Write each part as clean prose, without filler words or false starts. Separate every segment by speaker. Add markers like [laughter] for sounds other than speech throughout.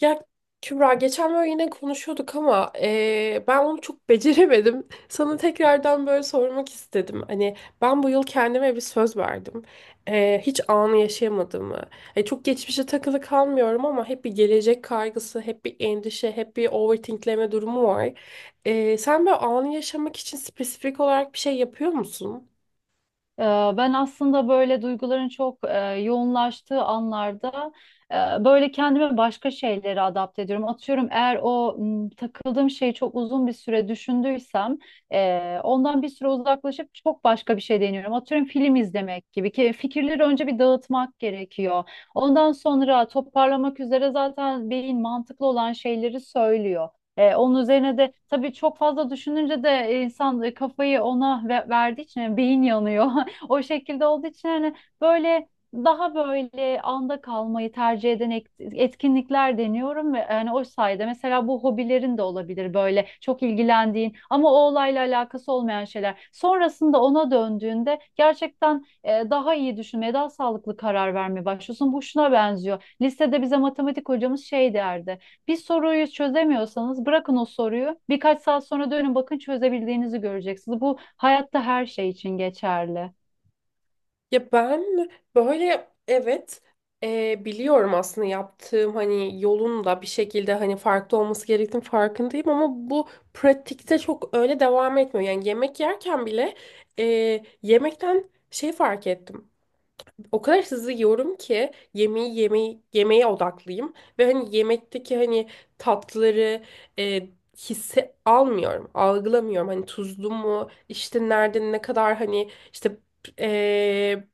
Speaker 1: Ya Kübra geçen böyle yine konuşuyorduk ama ben onu çok beceremedim. Sana tekrardan böyle sormak istedim. Hani ben bu yıl kendime bir söz verdim. Hiç anı yaşayamadığımı. Çok geçmişe takılı kalmıyorum ama hep bir gelecek kaygısı, hep bir endişe, hep bir overthinkleme durumu var. Sen böyle anı yaşamak için spesifik olarak bir şey yapıyor musun?
Speaker 2: Ee, Ben aslında böyle duyguların çok yoğunlaştığı anlarda böyle kendimi başka şeylere adapte ediyorum. Atıyorum eğer o takıldığım şeyi çok uzun bir süre düşündüysem ondan bir süre uzaklaşıp çok başka bir şey deniyorum. Atıyorum film izlemek gibi ki fikirleri önce bir dağıtmak gerekiyor. Ondan sonra toparlamak üzere zaten beyin mantıklı olan şeyleri söylüyor. Onun üzerine de tabii çok fazla düşününce de insan kafayı ona verdiği için yani beyin yanıyor. [laughs] O şekilde olduğu için hani böyle daha anda kalmayı tercih eden etkinlikler deniyorum ve yani o sayede mesela bu hobilerin de olabilir böyle çok ilgilendiğin ama o olayla alakası olmayan şeyler. Sonrasında ona döndüğünde gerçekten daha iyi düşünmeye, daha sağlıklı karar vermeye başlıyorsun. Bu şuna benziyor. Lisede bize matematik hocamız şey derdi. Bir soruyu çözemiyorsanız bırakın o soruyu. Birkaç saat sonra dönün bakın çözebildiğinizi göreceksiniz. Bu hayatta her şey için geçerli.
Speaker 1: Ya ben böyle evet, biliyorum aslında yaptığım hani yolun da bir şekilde hani farklı olması gerektiğini farkındayım ama bu pratikte çok öyle devam etmiyor. Yani yemek yerken bile e, yemekten şey fark ettim. O kadar hızlı yiyorum ki yemeği yemeğe odaklıyım ve hani yemekteki hani tatları, e, hisse almıyorum, algılamıyorum. Hani tuzlu mu, işte nerede ne kadar hani işte, e,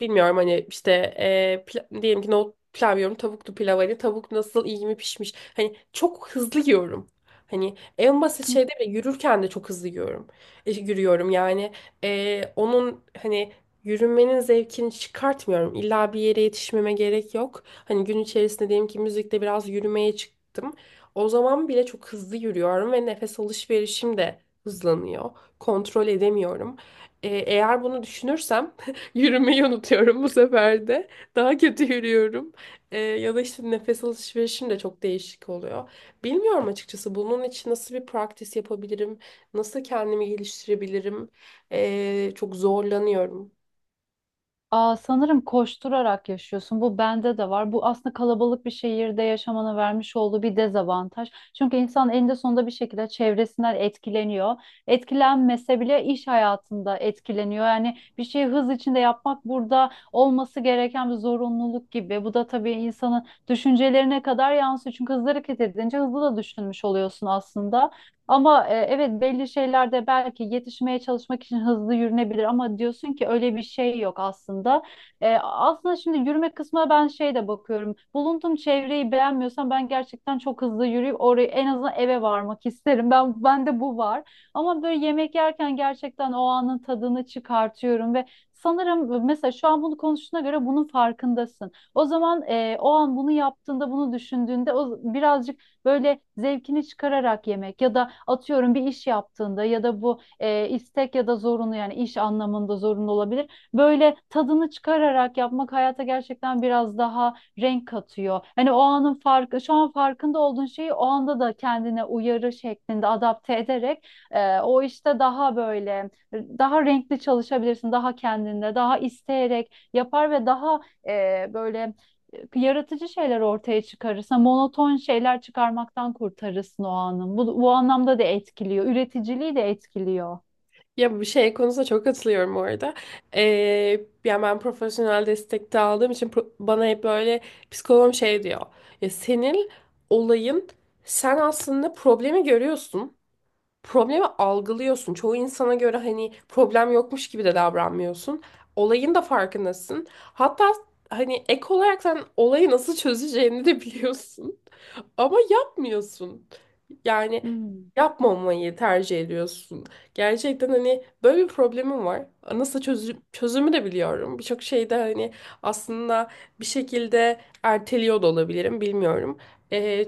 Speaker 1: bilmiyorum hani işte, diyelim ki nohut pilav yiyorum, tavuklu pilav, hani tavuk nasıl, iyi mi pişmiş. Hani çok hızlı yiyorum. Hani en basit şeyde bile, yürürken de çok hızlı yiyorum. Yürüyorum yani. E, onun hani Yürümenin zevkini çıkartmıyorum. İlla bir yere yetişmeme gerek yok. Hani gün içerisinde diyelim ki müzikte biraz yürümeye çıktım. O zaman bile çok hızlı yürüyorum ve nefes alışverişim de hızlanıyor. Kontrol edemiyorum. Eğer bunu düşünürsem [laughs] yürümeyi unutuyorum bu sefer de. Daha kötü yürüyorum. Ya da işte nefes alışverişim de çok değişik oluyor. Bilmiyorum açıkçası, bunun için nasıl bir praktis yapabilirim? Nasıl kendimi geliştirebilirim? Çok zorlanıyorum.
Speaker 2: Aa, sanırım koşturarak yaşıyorsun. Bu bende de var. Bu aslında kalabalık bir şehirde yaşamana vermiş olduğu bir dezavantaj. Çünkü insan eninde sonunda bir şekilde çevresinden etkileniyor. Etkilenmese bile iş hayatında etkileniyor. Yani bir şeyi hız içinde yapmak burada olması gereken bir zorunluluk gibi. Bu da tabii insanın düşüncelerine kadar yansıyor. Çünkü hızlı hareket edince hızlı da düşünmüş oluyorsun aslında. Ama evet belli şeylerde belki yetişmeye çalışmak için hızlı yürünebilir ama diyorsun ki öyle bir şey yok aslında. Aslında şimdi yürüme kısmına ben şey de bakıyorum. Bulunduğum çevreyi beğenmiyorsam ben gerçekten çok hızlı yürüyüp oraya en azından eve varmak isterim. Bende bu var. Ama böyle yemek yerken gerçekten o anın tadını çıkartıyorum ve sanırım mesela şu an bunu konuştuğuna göre bunun farkındasın. O zaman o an bunu yaptığında, bunu düşündüğünde o birazcık böyle zevkini çıkararak yemek ya da atıyorum bir iş yaptığında ya da bu istek ya da zorunlu yani iş anlamında zorunlu olabilir. Böyle tadını çıkararak yapmak hayata gerçekten biraz daha renk katıyor. Hani o anın farkı, şu an farkında olduğun şeyi o anda da kendine uyarı şeklinde adapte ederek o işte daha daha renkli çalışabilirsin, daha kendinde, daha isteyerek yapar ve daha e, böyle yaratıcı şeyler ortaya çıkarırsa monoton şeyler çıkarmaktan kurtarırsın o anın. Bu anlamda da etkiliyor. Üreticiliği de etkiliyor.
Speaker 1: Ya, bu şey konusunda çok katılıyorum orada. Ee, Yani ben profesyonel destek de aldığım için bana hep böyle psikologum şey diyor. Ya, senin olayın, sen aslında problemi görüyorsun. Problemi algılıyorsun. Çoğu insana göre hani problem yokmuş gibi de davranmıyorsun. Olayın da farkındasın. Hatta hani ek olarak sen olayı nasıl çözeceğini de [laughs] biliyorsun. Ama yapmıyorsun. Yani
Speaker 2: Hmm.
Speaker 1: yapmamayı tercih ediyorsun. Gerçekten hani böyle bir problemim var. Nasıl çözüm, çözümü de biliyorum. Birçok şeyde hani aslında bir şekilde erteliyor da olabilirim, bilmiyorum. Ee,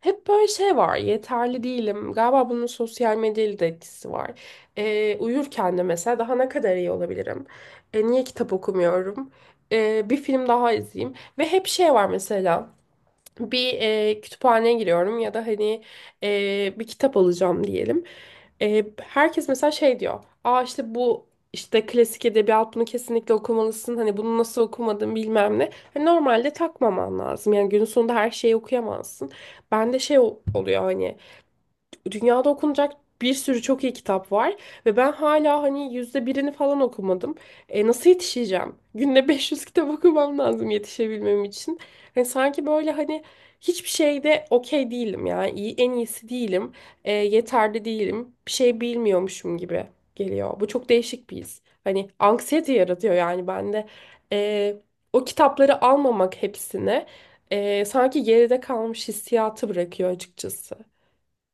Speaker 1: Hep böyle şey var. Yeterli değilim. Galiba bunun sosyal medyayla da etkisi var. Uyurken de mesela daha ne kadar iyi olabilirim? Niye kitap okumuyorum? Bir film daha izleyeyim. Ve hep şey var mesela, bir kütüphaneye giriyorum ya da hani bir kitap alacağım diyelim. Herkes mesela şey diyor. Aa, işte bu, işte klasik edebiyat, bunu kesinlikle okumalısın. Hani bunu nasıl okumadın, bilmem ne. Hani normalde takmaman lazım. Yani günün sonunda her şeyi okuyamazsın. Bende şey oluyor hani, dünyada okunacak bir sürü çok iyi kitap var ve ben hala hani yüzde birini falan okumadım. E, nasıl yetişeceğim? Günde 500 kitap okumam lazım yetişebilmem için. Hani sanki böyle hani hiçbir şeyde okey değilim ya. İyi, en iyisi değilim. Yeterli değilim. Bir şey bilmiyormuşum gibi geliyor. Bu çok değişik bir his. Hani anksiyete yaratıyor yani bende. E, O kitapları almamak hepsine, sanki geride kalmış hissiyatı bırakıyor açıkçası.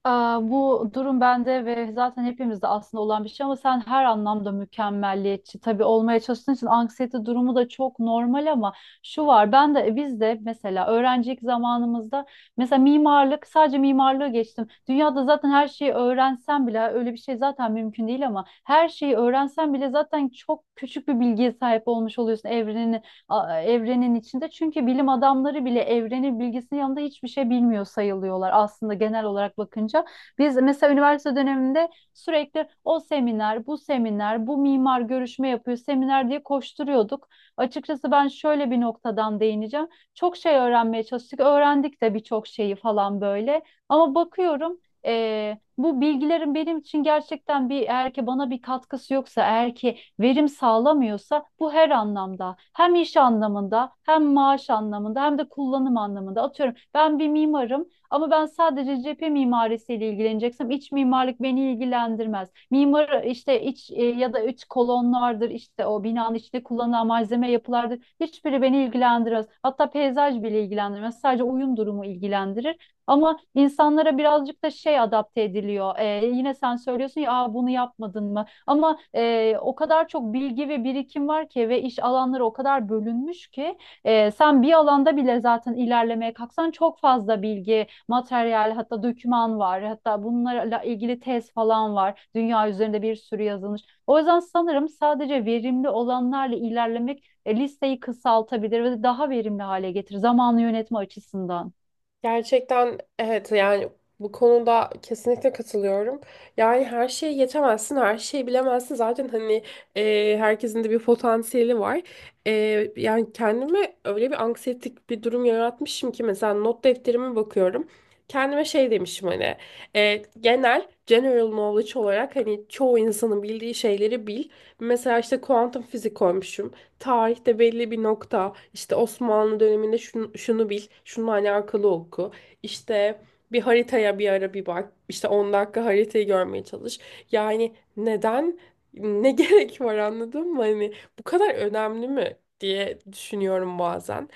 Speaker 2: Aa, bu durum bende ve zaten hepimizde aslında olan bir şey ama sen her anlamda mükemmelliyetçi tabii olmaya çalıştığın için anksiyete durumu da çok normal ama şu var ben de biz de mesela öğrencilik zamanımızda mesela mimarlık sadece mimarlığı geçtim. Dünyada zaten her şeyi öğrensen bile öyle bir şey zaten mümkün değil ama her şeyi öğrensen bile zaten çok küçük bir bilgiye sahip olmuş oluyorsun evrenin evrenin içinde. Çünkü bilim adamları bile evrenin bilgisinin yanında hiçbir şey bilmiyor sayılıyorlar aslında genel olarak bakınca. Biz mesela üniversite döneminde sürekli o seminer, bu seminer, bu mimar görüşme yapıyor, seminer diye koşturuyorduk. Açıkçası ben şöyle bir noktadan değineceğim. Çok şey öğrenmeye çalıştık, öğrendik de birçok şeyi falan böyle. Ama bakıyorum bu bilgilerin benim için gerçekten bir eğer ki bana bir katkısı yoksa, eğer ki verim sağlamıyorsa bu her anlamda hem iş anlamında hem maaş anlamında hem de kullanım anlamında atıyorum ben bir mimarım ama ben sadece cephe mimarisiyle ilgileneceksem iç mimarlık beni ilgilendirmez. Mimar işte iç ya da iç kolonlardır işte o binanın içinde kullanılan malzeme yapılardır hiçbiri beni ilgilendirmez. Hatta peyzaj bile ilgilendirmez sadece uyum durumu ilgilendirir. Ama insanlara birazcık da şey adapte ediliyor. E, yine sen söylüyorsun ya, aa, bunu yapmadın mı? Ama o kadar çok bilgi ve birikim var ki ve iş alanları o kadar bölünmüş ki sen bir alanda bile zaten ilerlemeye kalksan çok fazla bilgi, materyal, hatta doküman var. Hatta bunlarla ilgili tez falan var. Dünya üzerinde bir sürü yazılmış. O yüzden sanırım sadece verimli olanlarla ilerlemek listeyi kısaltabilir ve daha verimli hale getirir zamanı yönetme açısından.
Speaker 1: Gerçekten evet, yani bu konuda kesinlikle katılıyorum. Yani her şeyi yetemezsin, her şeyi bilemezsin. Zaten hani herkesin de bir potansiyeli var. E, Yani kendime öyle bir anksiyetik bir durum yaratmışım ki mesela not defterime bakıyorum. Kendime şey demişim, hani genel general knowledge olarak hani çoğu insanın bildiği şeyleri bil. Mesela işte kuantum fizik koymuşum, tarihte belli bir nokta, işte Osmanlı döneminde şunu, şunu bil, şununla alakalı oku. İşte bir haritaya bir ara bir bak. İşte 10 dakika haritayı görmeye çalış. Yani neden, ne [laughs] gerek var, anladın mı? Hani bu kadar önemli mi diye düşünüyorum bazen.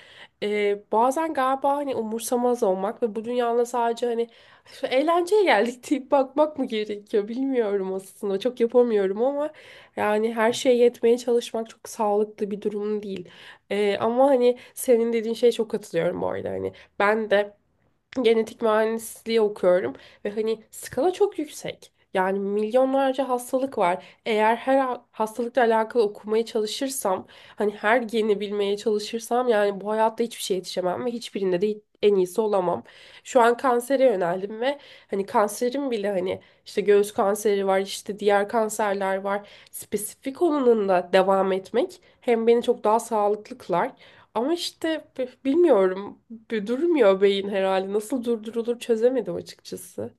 Speaker 1: Bazen galiba hani umursamaz olmak ve bu dünyada sadece hani "Şu eğlenceye geldik" deyip bakmak mı gerekiyor, bilmiyorum aslında. Çok yapamıyorum ama yani her şeye yetmeye çalışmak çok sağlıklı bir durum değil. Ama hani senin dediğin şeye çok katılıyorum bu arada. Hani ben de genetik mühendisliği okuyorum ve hani skala çok yüksek. Yani milyonlarca hastalık var. Eğer her hastalıkla alakalı okumaya çalışırsam, hani her geni bilmeye çalışırsam, yani bu hayatta hiçbir şeye yetişemem ve hiçbirinde de en iyisi olamam. Şu an kansere yöneldim ve hani kanserim bile, hani işte göğüs kanseri var, işte diğer kanserler var. Spesifik olanında devam etmek hem beni çok daha sağlıklı kılar ama işte bilmiyorum. Durmuyor beyin herhalde. Nasıl durdurulur çözemedim açıkçası.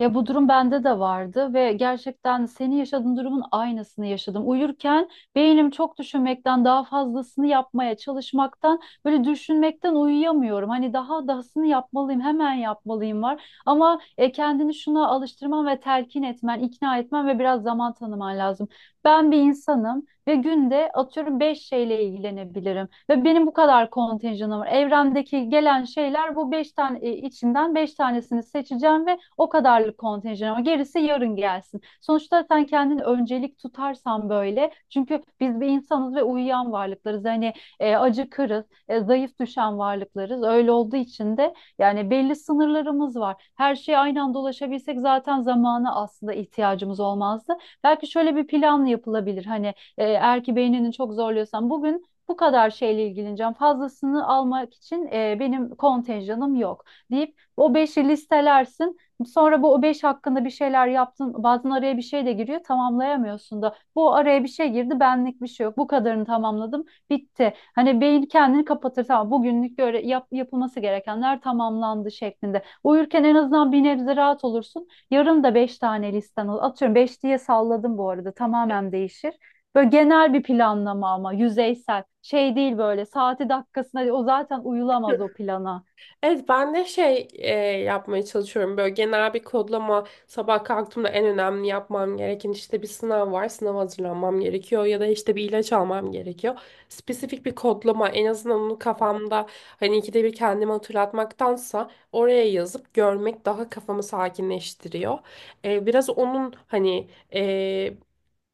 Speaker 2: Ya bu durum bende de vardı ve gerçekten senin yaşadığın durumun aynısını yaşadım. Uyurken beynim çok düşünmekten daha fazlasını yapmaya çalışmaktan böyle düşünmekten uyuyamıyorum. Hani daha dahasını yapmalıyım, hemen yapmalıyım var. Ama kendini şuna alıştırman ve telkin etmen, ikna etmen ve biraz zaman tanıman lazım. Ben bir insanım ve günde atıyorum 5 şeyle ilgilenebilirim ve benim bu kadar kontenjanım var. Evrendeki gelen şeyler bu 5 tane içinden 5 tanesini seçeceğim ve o kadarlık kontenjan ama gerisi yarın gelsin. Sonuçta sen kendini öncelik tutarsan böyle çünkü biz bir insanız ve uyuyan varlıklarız. Hani acıkırız, zayıf düşen varlıklarız. Öyle olduğu için de yani belli sınırlarımız var. Her şeye aynı anda ulaşabilsek zaten zamana aslında ihtiyacımız olmazdı. Belki şöyle bir plan yapılabilir. Hani eğer ki beynini çok zorluyorsan bugün bu kadar şeyle ilgileneceğim. Fazlasını almak için benim kontenjanım yok deyip o beşi listelersin. Sonra bu o beş hakkında bir şeyler yaptın. Bazen araya bir şey de giriyor. Tamamlayamıyorsun da. Bu araya bir şey girdi. Benlik bir şey yok. Bu kadarını tamamladım. Bitti. Hani beyin kendini kapatır. Tamam bugünlük göre yapılması gerekenler tamamlandı şeklinde. Uyurken en azından bir nebze rahat olursun. Yarın da beş tane listen olur. Atıyorum beş diye salladım bu arada. Tamamen değişir. Böyle genel bir planlama ama yüzeysel. Şey değil böyle saati dakikasına o zaten uyulamaz o plana.
Speaker 1: Evet ben de şey, yapmaya çalışıyorum. Böyle genel bir kodlama, sabah kalktığımda en önemli yapmam gereken, işte bir sınav var. Sınava hazırlanmam gerekiyor, ya da işte bir ilaç almam gerekiyor. Spesifik bir kodlama, en azından onu kafamda hani ikide bir kendime hatırlatmaktansa oraya yazıp görmek daha kafamı sakinleştiriyor. Biraz onun hani, e,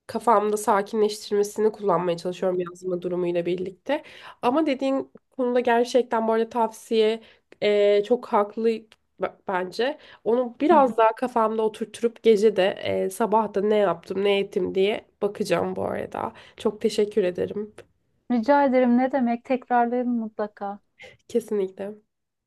Speaker 1: kafamda sakinleştirmesini kullanmaya çalışıyorum yazma durumuyla birlikte. Ama dediğin konuda gerçekten bu arada tavsiye, çok haklı bence. Onu
Speaker 2: Hı hı.
Speaker 1: biraz daha kafamda oturtup gece de, sabah da ne yaptım ne ettim diye bakacağım bu arada. Çok teşekkür ederim.
Speaker 2: Rica ederim ne demek tekrarlayalım mutlaka.
Speaker 1: Kesinlikle.